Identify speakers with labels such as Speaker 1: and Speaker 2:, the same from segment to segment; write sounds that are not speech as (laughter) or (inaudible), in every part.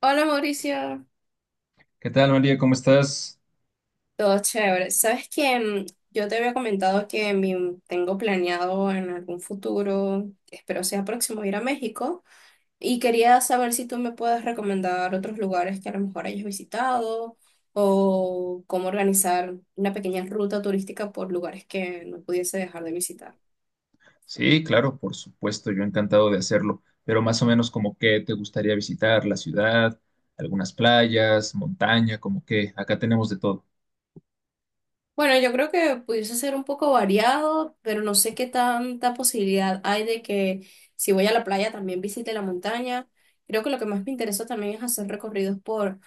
Speaker 1: Hola, Mauricio,
Speaker 2: ¿Qué tal, María? ¿Cómo estás?
Speaker 1: todo chévere. Sabes que yo te había comentado que tengo planeado en algún futuro, espero sea próximo, ir a México y quería saber si tú me puedes recomendar otros lugares que a lo mejor hayas visitado o cómo organizar una pequeña ruta turística por lugares que no pudiese dejar de visitar.
Speaker 2: Sí, claro, por supuesto, yo encantado de hacerlo, pero más o menos como que te gustaría visitar la ciudad, algunas playas, montaña, como que acá tenemos de todo.
Speaker 1: Bueno, yo creo que pudiese ser un poco variado, pero no sé qué tanta posibilidad hay de que si voy a la playa también visite la montaña. Creo que lo que más me interesa también es hacer recorridos por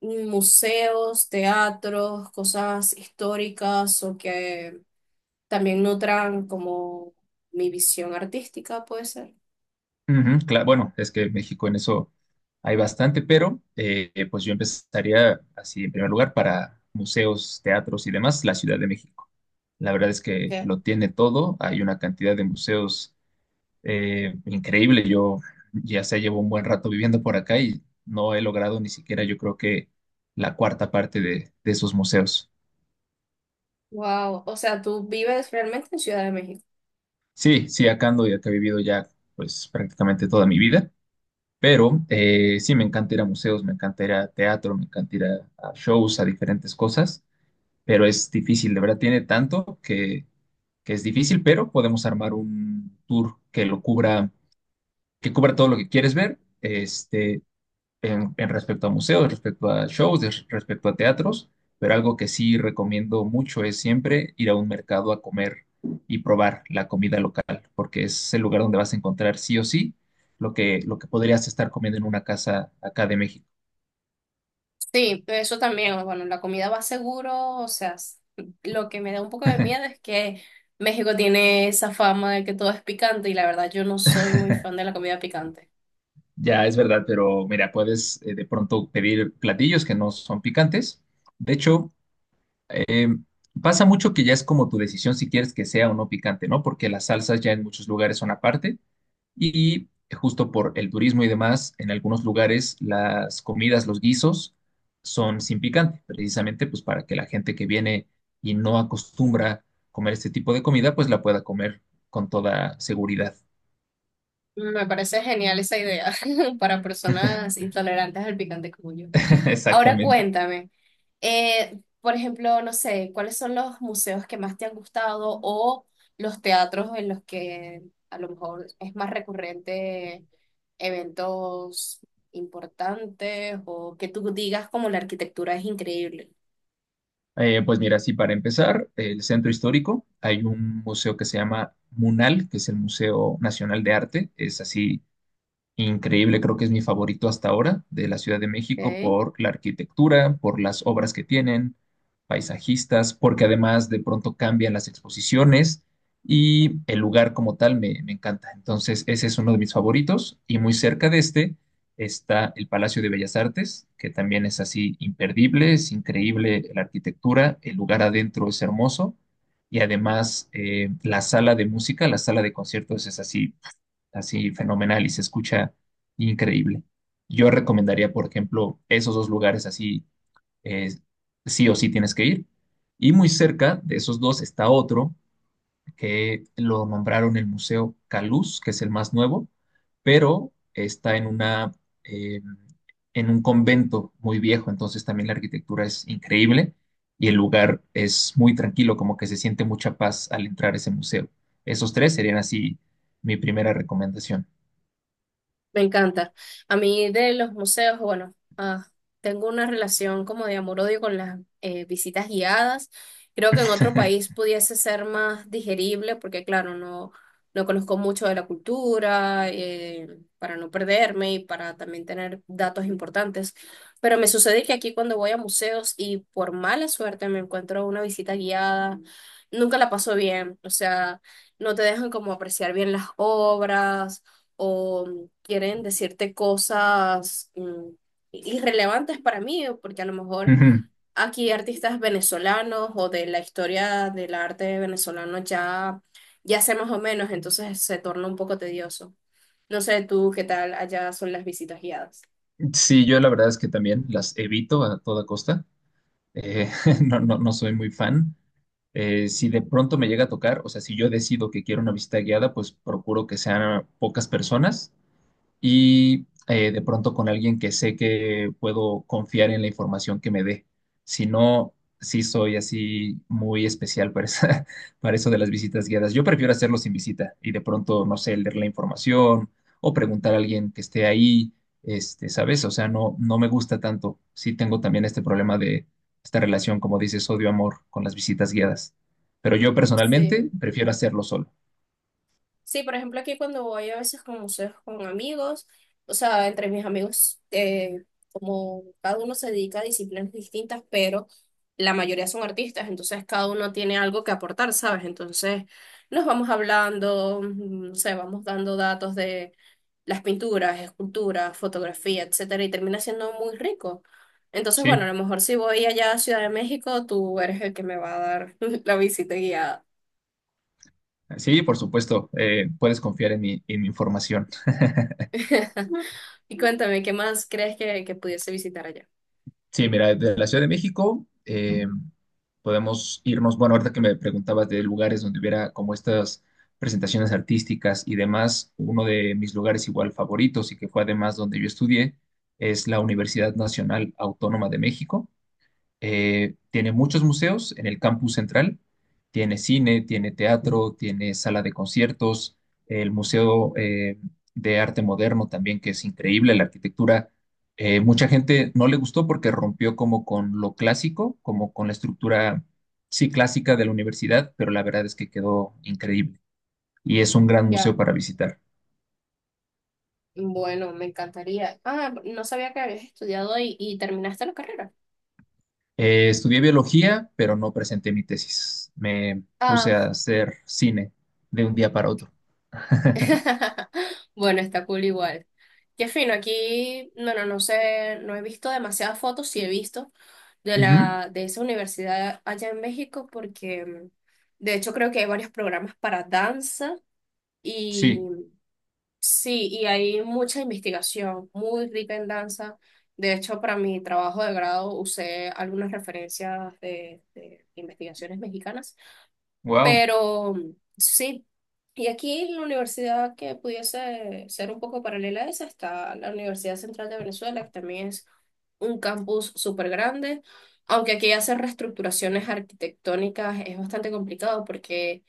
Speaker 1: museos, teatros, cosas históricas o que también nutran como mi visión artística, puede ser.
Speaker 2: Ujú, bueno, es que México en eso hay bastante, pero pues yo empezaría así en primer lugar para museos, teatros y demás, la Ciudad de México. La verdad es que lo tiene todo, hay una cantidad de museos increíble. Yo ya se llevo un buen rato viviendo por acá y no he logrado ni siquiera, yo creo que la cuarta parte de esos museos.
Speaker 1: Wow, o sea, tú vives realmente en Ciudad de México.
Speaker 2: Sí, sí, acá ando y acá he vivido ya pues prácticamente toda mi vida, pero sí, me encanta ir a museos, me encanta ir a teatro, me encanta ir a shows, a diferentes cosas, pero es difícil, de verdad tiene tanto que es difícil, pero podemos armar un tour que lo cubra, que cubra todo lo que quieres ver. Este, en respecto a museos, respecto a shows, respecto a teatros, pero algo que sí recomiendo mucho es siempre ir a un mercado a comer y probar la comida local, porque es el lugar donde vas a encontrar sí o sí lo que podrías estar comiendo en una casa acá de México.
Speaker 1: Sí, eso también, bueno, la comida va seguro, o sea, lo que me da un poco de miedo
Speaker 2: (laughs)
Speaker 1: es que México tiene esa fama de que todo es picante y la verdad yo no soy muy fan de la comida picante.
Speaker 2: Ya es verdad, pero mira, puedes de pronto pedir platillos que no son picantes. De hecho, Eh, pasa mucho que ya es como tu decisión si quieres que sea o no picante, ¿no? Porque las salsas ya en muchos lugares son aparte y justo por el turismo y demás, en algunos lugares las comidas, los guisos son sin picante, precisamente pues para que la gente que viene y no acostumbra comer este tipo de comida, pues la pueda comer con toda seguridad.
Speaker 1: Me parece genial esa idea (laughs) para personas intolerantes al picante como yo.
Speaker 2: (laughs)
Speaker 1: Ahora
Speaker 2: Exactamente.
Speaker 1: cuéntame, por ejemplo, no sé, ¿cuáles son los museos que más te han gustado o los teatros en los que a lo mejor es más recurrente eventos importantes o que tú digas como la arquitectura es increíble?
Speaker 2: Pues mira, sí, para empezar, el centro histórico, hay un museo que se llama MUNAL, que es el Museo Nacional de Arte, es así increíble. Creo que es mi favorito hasta ahora de la Ciudad de México
Speaker 1: ¿Ok?
Speaker 2: por la arquitectura, por las obras que tienen, paisajistas, porque además de pronto cambian las exposiciones y el lugar como tal me, me encanta. Entonces, ese es uno de mis favoritos y muy cerca de este está el Palacio de Bellas Artes, que también es así imperdible, es increíble la arquitectura, el lugar adentro es hermoso y además la sala de música, la sala de conciertos es así así fenomenal y se escucha increíble. Yo recomendaría, por ejemplo, esos dos lugares así, eh, sí o sí tienes que ir. Y muy cerca de esos dos está otro que lo nombraron el Museo Caluz, que es el más nuevo, pero está en una, eh, en un convento muy viejo, entonces también la arquitectura es increíble y el lugar es muy tranquilo, como que se siente mucha paz al entrar a ese museo. Esos tres serían así mi primera recomendación.
Speaker 1: Me encanta. A mí de los museos, bueno, ah, tengo una relación como de amor-odio con las visitas guiadas. Creo que en otro país
Speaker 2: (laughs)
Speaker 1: pudiese ser más digerible porque, claro, no, no conozco mucho de la cultura, para no perderme y para también tener datos importantes. Pero me sucede que aquí cuando voy a museos y por mala suerte me encuentro una visita guiada, nunca la paso bien. O sea, no te dejan como apreciar bien las obras o quieren decirte cosas irrelevantes para mí, porque a lo mejor
Speaker 2: Ujú.
Speaker 1: aquí artistas venezolanos o de la historia del arte venezolano ya, ya sé más o menos, entonces se torna un poco tedioso. No sé tú qué tal allá son las visitas guiadas.
Speaker 2: Sí, yo la verdad es que también las evito a toda costa. Eh, (laughs) no, no, no soy muy fan. Si de pronto me llega a tocar, o sea, si yo decido que quiero una visita guiada, pues procuro que sean pocas personas y de pronto con alguien que sé que puedo confiar en la información que me dé. Si no, sí soy así muy especial para, (laughs) para eso de las visitas guiadas. Yo prefiero hacerlo sin visita y de pronto, no sé, leer la información o preguntar a alguien que esté ahí, este, ¿sabes? O sea, no, no me gusta tanto. Sí tengo también este problema de esta relación, como dices, odio-amor con las visitas guiadas. Pero yo
Speaker 1: Sí.
Speaker 2: personalmente prefiero hacerlo solo.
Speaker 1: Sí, por ejemplo, aquí cuando voy a veces con museos con amigos, o sea, entre mis amigos, como cada uno se dedica a disciplinas distintas, pero la mayoría son artistas, entonces cada uno tiene algo que aportar, ¿sabes? Entonces nos vamos hablando, no sé, vamos dando datos de las pinturas, esculturas, fotografía, etcétera, y termina siendo muy rico. Entonces, bueno, a
Speaker 2: Sí.
Speaker 1: lo mejor si voy allá a Ciudad de México, tú eres el que me va a dar (laughs) la visita guiada.
Speaker 2: Sí, por supuesto, puedes confiar en mi información. (laughs)
Speaker 1: Y cuéntame, ¿qué más crees que pudiese visitar allá?
Speaker 2: Sí, mira, de la Ciudad de México podemos irnos, bueno, ahorita que me preguntabas de lugares donde hubiera como estas presentaciones artísticas y demás, uno de mis lugares igual favoritos y que fue además donde yo estudié es la Universidad Nacional Autónoma de México. Tiene muchos museos en el campus central. Tiene cine, tiene teatro, tiene sala de conciertos, el Museo de Arte Moderno también, que es increíble, la arquitectura. Mucha gente no le gustó porque rompió como con lo clásico, como con la estructura, sí, clásica de la universidad, pero la verdad es que quedó increíble y es un gran museo
Speaker 1: Ya,
Speaker 2: para visitar.
Speaker 1: bueno, me encantaría. Ah, no sabía que habías estudiado y terminaste la carrera.
Speaker 2: Estudié biología, pero no presenté mi tesis. Me puse
Speaker 1: Ah,
Speaker 2: a hacer cine de un día para otro. (laughs)
Speaker 1: (laughs) bueno, está cool igual. Qué fino, aquí, no, no, no sé, no he visto demasiadas fotos, sí he visto de
Speaker 2: Ujú,
Speaker 1: la, de esa universidad allá en México, porque de hecho creo que hay varios programas para danza.
Speaker 2: sí,
Speaker 1: Sí, y hay mucha investigación, muy rica en danza. De hecho, para mi trabajo de grado usé algunas referencias de investigaciones mexicanas,
Speaker 2: wow,
Speaker 1: pero sí. Y aquí la universidad que pudiese ser un poco paralela a esa está la Universidad Central de Venezuela, que también es un campus súper grande, aunque aquí hacer reestructuraciones arquitectónicas es bastante complicado porque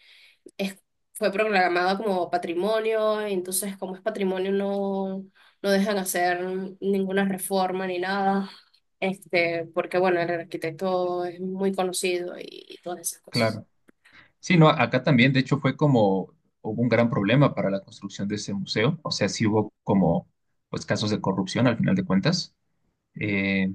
Speaker 1: es- fue proclamada como patrimonio, y entonces como es patrimonio no, no dejan hacer ninguna reforma ni nada, este, porque bueno, el arquitecto es muy conocido y, todas esas cosas.
Speaker 2: claro. Sí, no, acá también, de hecho, fue como, hubo un gran problema para la construcción de ese museo, o sea, sí hubo como, pues, casos de corrupción al final de cuentas, eh,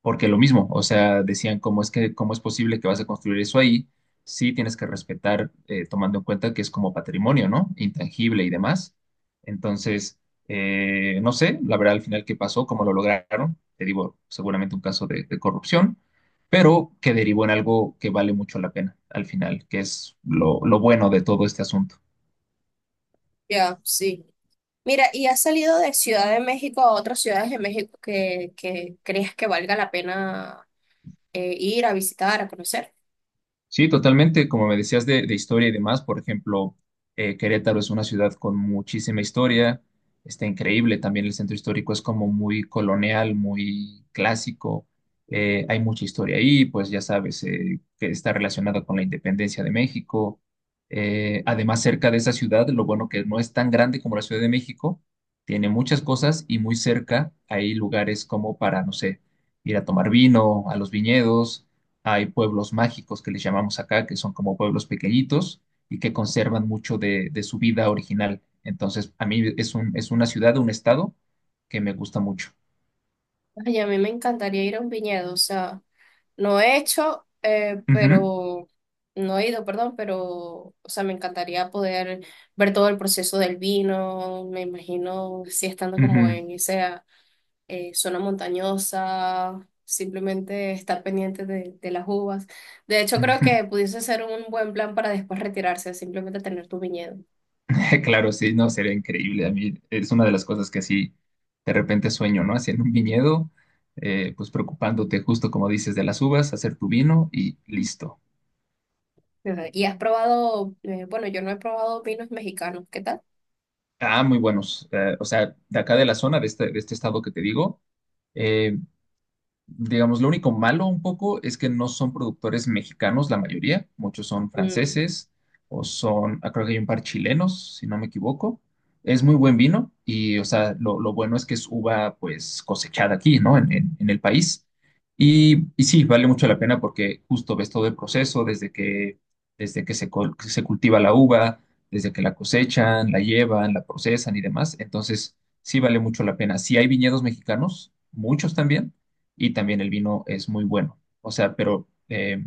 Speaker 2: porque lo mismo, o sea, decían cómo es que, cómo es posible que vas a construir eso ahí, sí tienes que respetar, tomando en cuenta que es como patrimonio, ¿no? Intangible y demás. Entonces, no sé, la verdad al final qué pasó, cómo lo lograron, te digo, seguramente un caso de corrupción, pero que derivó en algo que vale mucho la pena al final, que es lo bueno de todo este asunto.
Speaker 1: Ya, sí. Mira, ¿y has salido de Ciudad de México a otras ciudades de México que creas que valga la pena ir a visitar, a conocer?
Speaker 2: Sí, totalmente. Como me decías de historia y demás, por ejemplo, Querétaro es una ciudad con muchísima historia, está increíble. También el centro histórico es como muy colonial, muy clásico. Hay mucha historia ahí, pues ya sabes, que está relacionada con la independencia de México. Además, cerca de esa ciudad, lo bueno que no es tan grande como la Ciudad de México, tiene muchas cosas y muy cerca hay lugares como para, no sé, ir a tomar vino, a los viñedos hay pueblos mágicos que les llamamos acá, que son como pueblos pequeñitos y que conservan mucho de su vida original. Entonces, a mí es un, es una ciudad, un estado que me gusta mucho.
Speaker 1: Ay, a mí me encantaría ir a un viñedo, o sea... No he hecho,
Speaker 2: Ujú,
Speaker 1: pero no he ido, perdón, pero, o sea, me encantaría poder ver todo el proceso del vino. Me imagino, si estando como
Speaker 2: ujú,
Speaker 1: en esa zona montañosa, simplemente estar pendiente de las uvas. De hecho, creo
Speaker 2: ujú.
Speaker 1: que
Speaker 2: (laughs)
Speaker 1: pudiese ser un buen plan para después retirarse, simplemente tener tu viñedo.
Speaker 2: Claro, sí, no, sería increíble. A mí es una de las cosas que así de repente sueño, ¿no? Haciendo un viñedo, pues preocupándote justo como dices de las uvas, hacer tu vino y listo.
Speaker 1: Ajá. Y has probado, bueno, yo no he probado vinos mexicanos, ¿qué tal?
Speaker 2: Ah, muy buenos. O sea, de acá de la zona, de este estado que te digo. eh, Digamos, lo único malo un poco es que no son productores mexicanos la mayoría, muchos son
Speaker 1: Mm,
Speaker 2: franceses o son, ah, creo que hay un par chilenos, si no me equivoco. Es muy buen vino y, o sea, lo bueno es que es uva pues cosechada aquí, ¿no? En, en el país. Y sí, vale mucho la pena porque justo ves todo el proceso desde que se, se cultiva la uva, desde que la cosechan, la llevan, la procesan y demás. Entonces, sí vale mucho la pena. Sí hay viñedos mexicanos, muchos también y también el vino es muy bueno. O sea, pero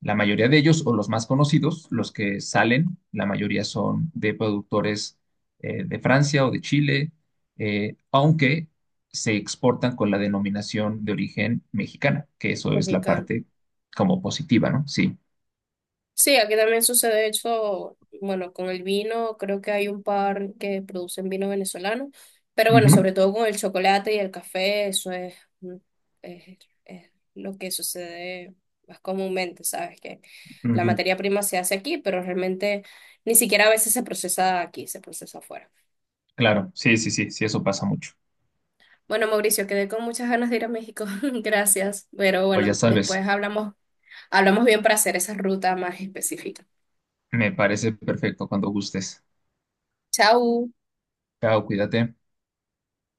Speaker 2: la mayoría de ellos, o los más conocidos, los que salen, la mayoría son de productores de Francia o de Chile, aunque se exportan con la denominación de origen mexicana, que eso es la
Speaker 1: mexicano.
Speaker 2: parte como positiva, ¿no? Sí.
Speaker 1: Sí, aquí también sucede, de hecho, bueno, con el vino, creo que hay un par que producen vino venezolano, pero bueno,
Speaker 2: Ujú,
Speaker 1: sobre todo con el chocolate y el café, eso es, mm, es, es lo que sucede más comúnmente, ¿sabes? Que la
Speaker 2: ujú.
Speaker 1: materia prima se hace aquí, pero realmente ni siquiera a veces se procesa aquí, se procesa afuera.
Speaker 2: Claro, sí, sí, sí, sí, eso pasa mucho.
Speaker 1: Bueno, Mauricio, quedé con muchas ganas de ir a México, (laughs) gracias, pero
Speaker 2: Pues ya
Speaker 1: bueno,
Speaker 2: sabes,
Speaker 1: después hablamos, hablamos bien para hacer esa ruta más específica.
Speaker 2: me parece perfecto cuando gustes.
Speaker 1: Chao.
Speaker 2: Chao, cuídate.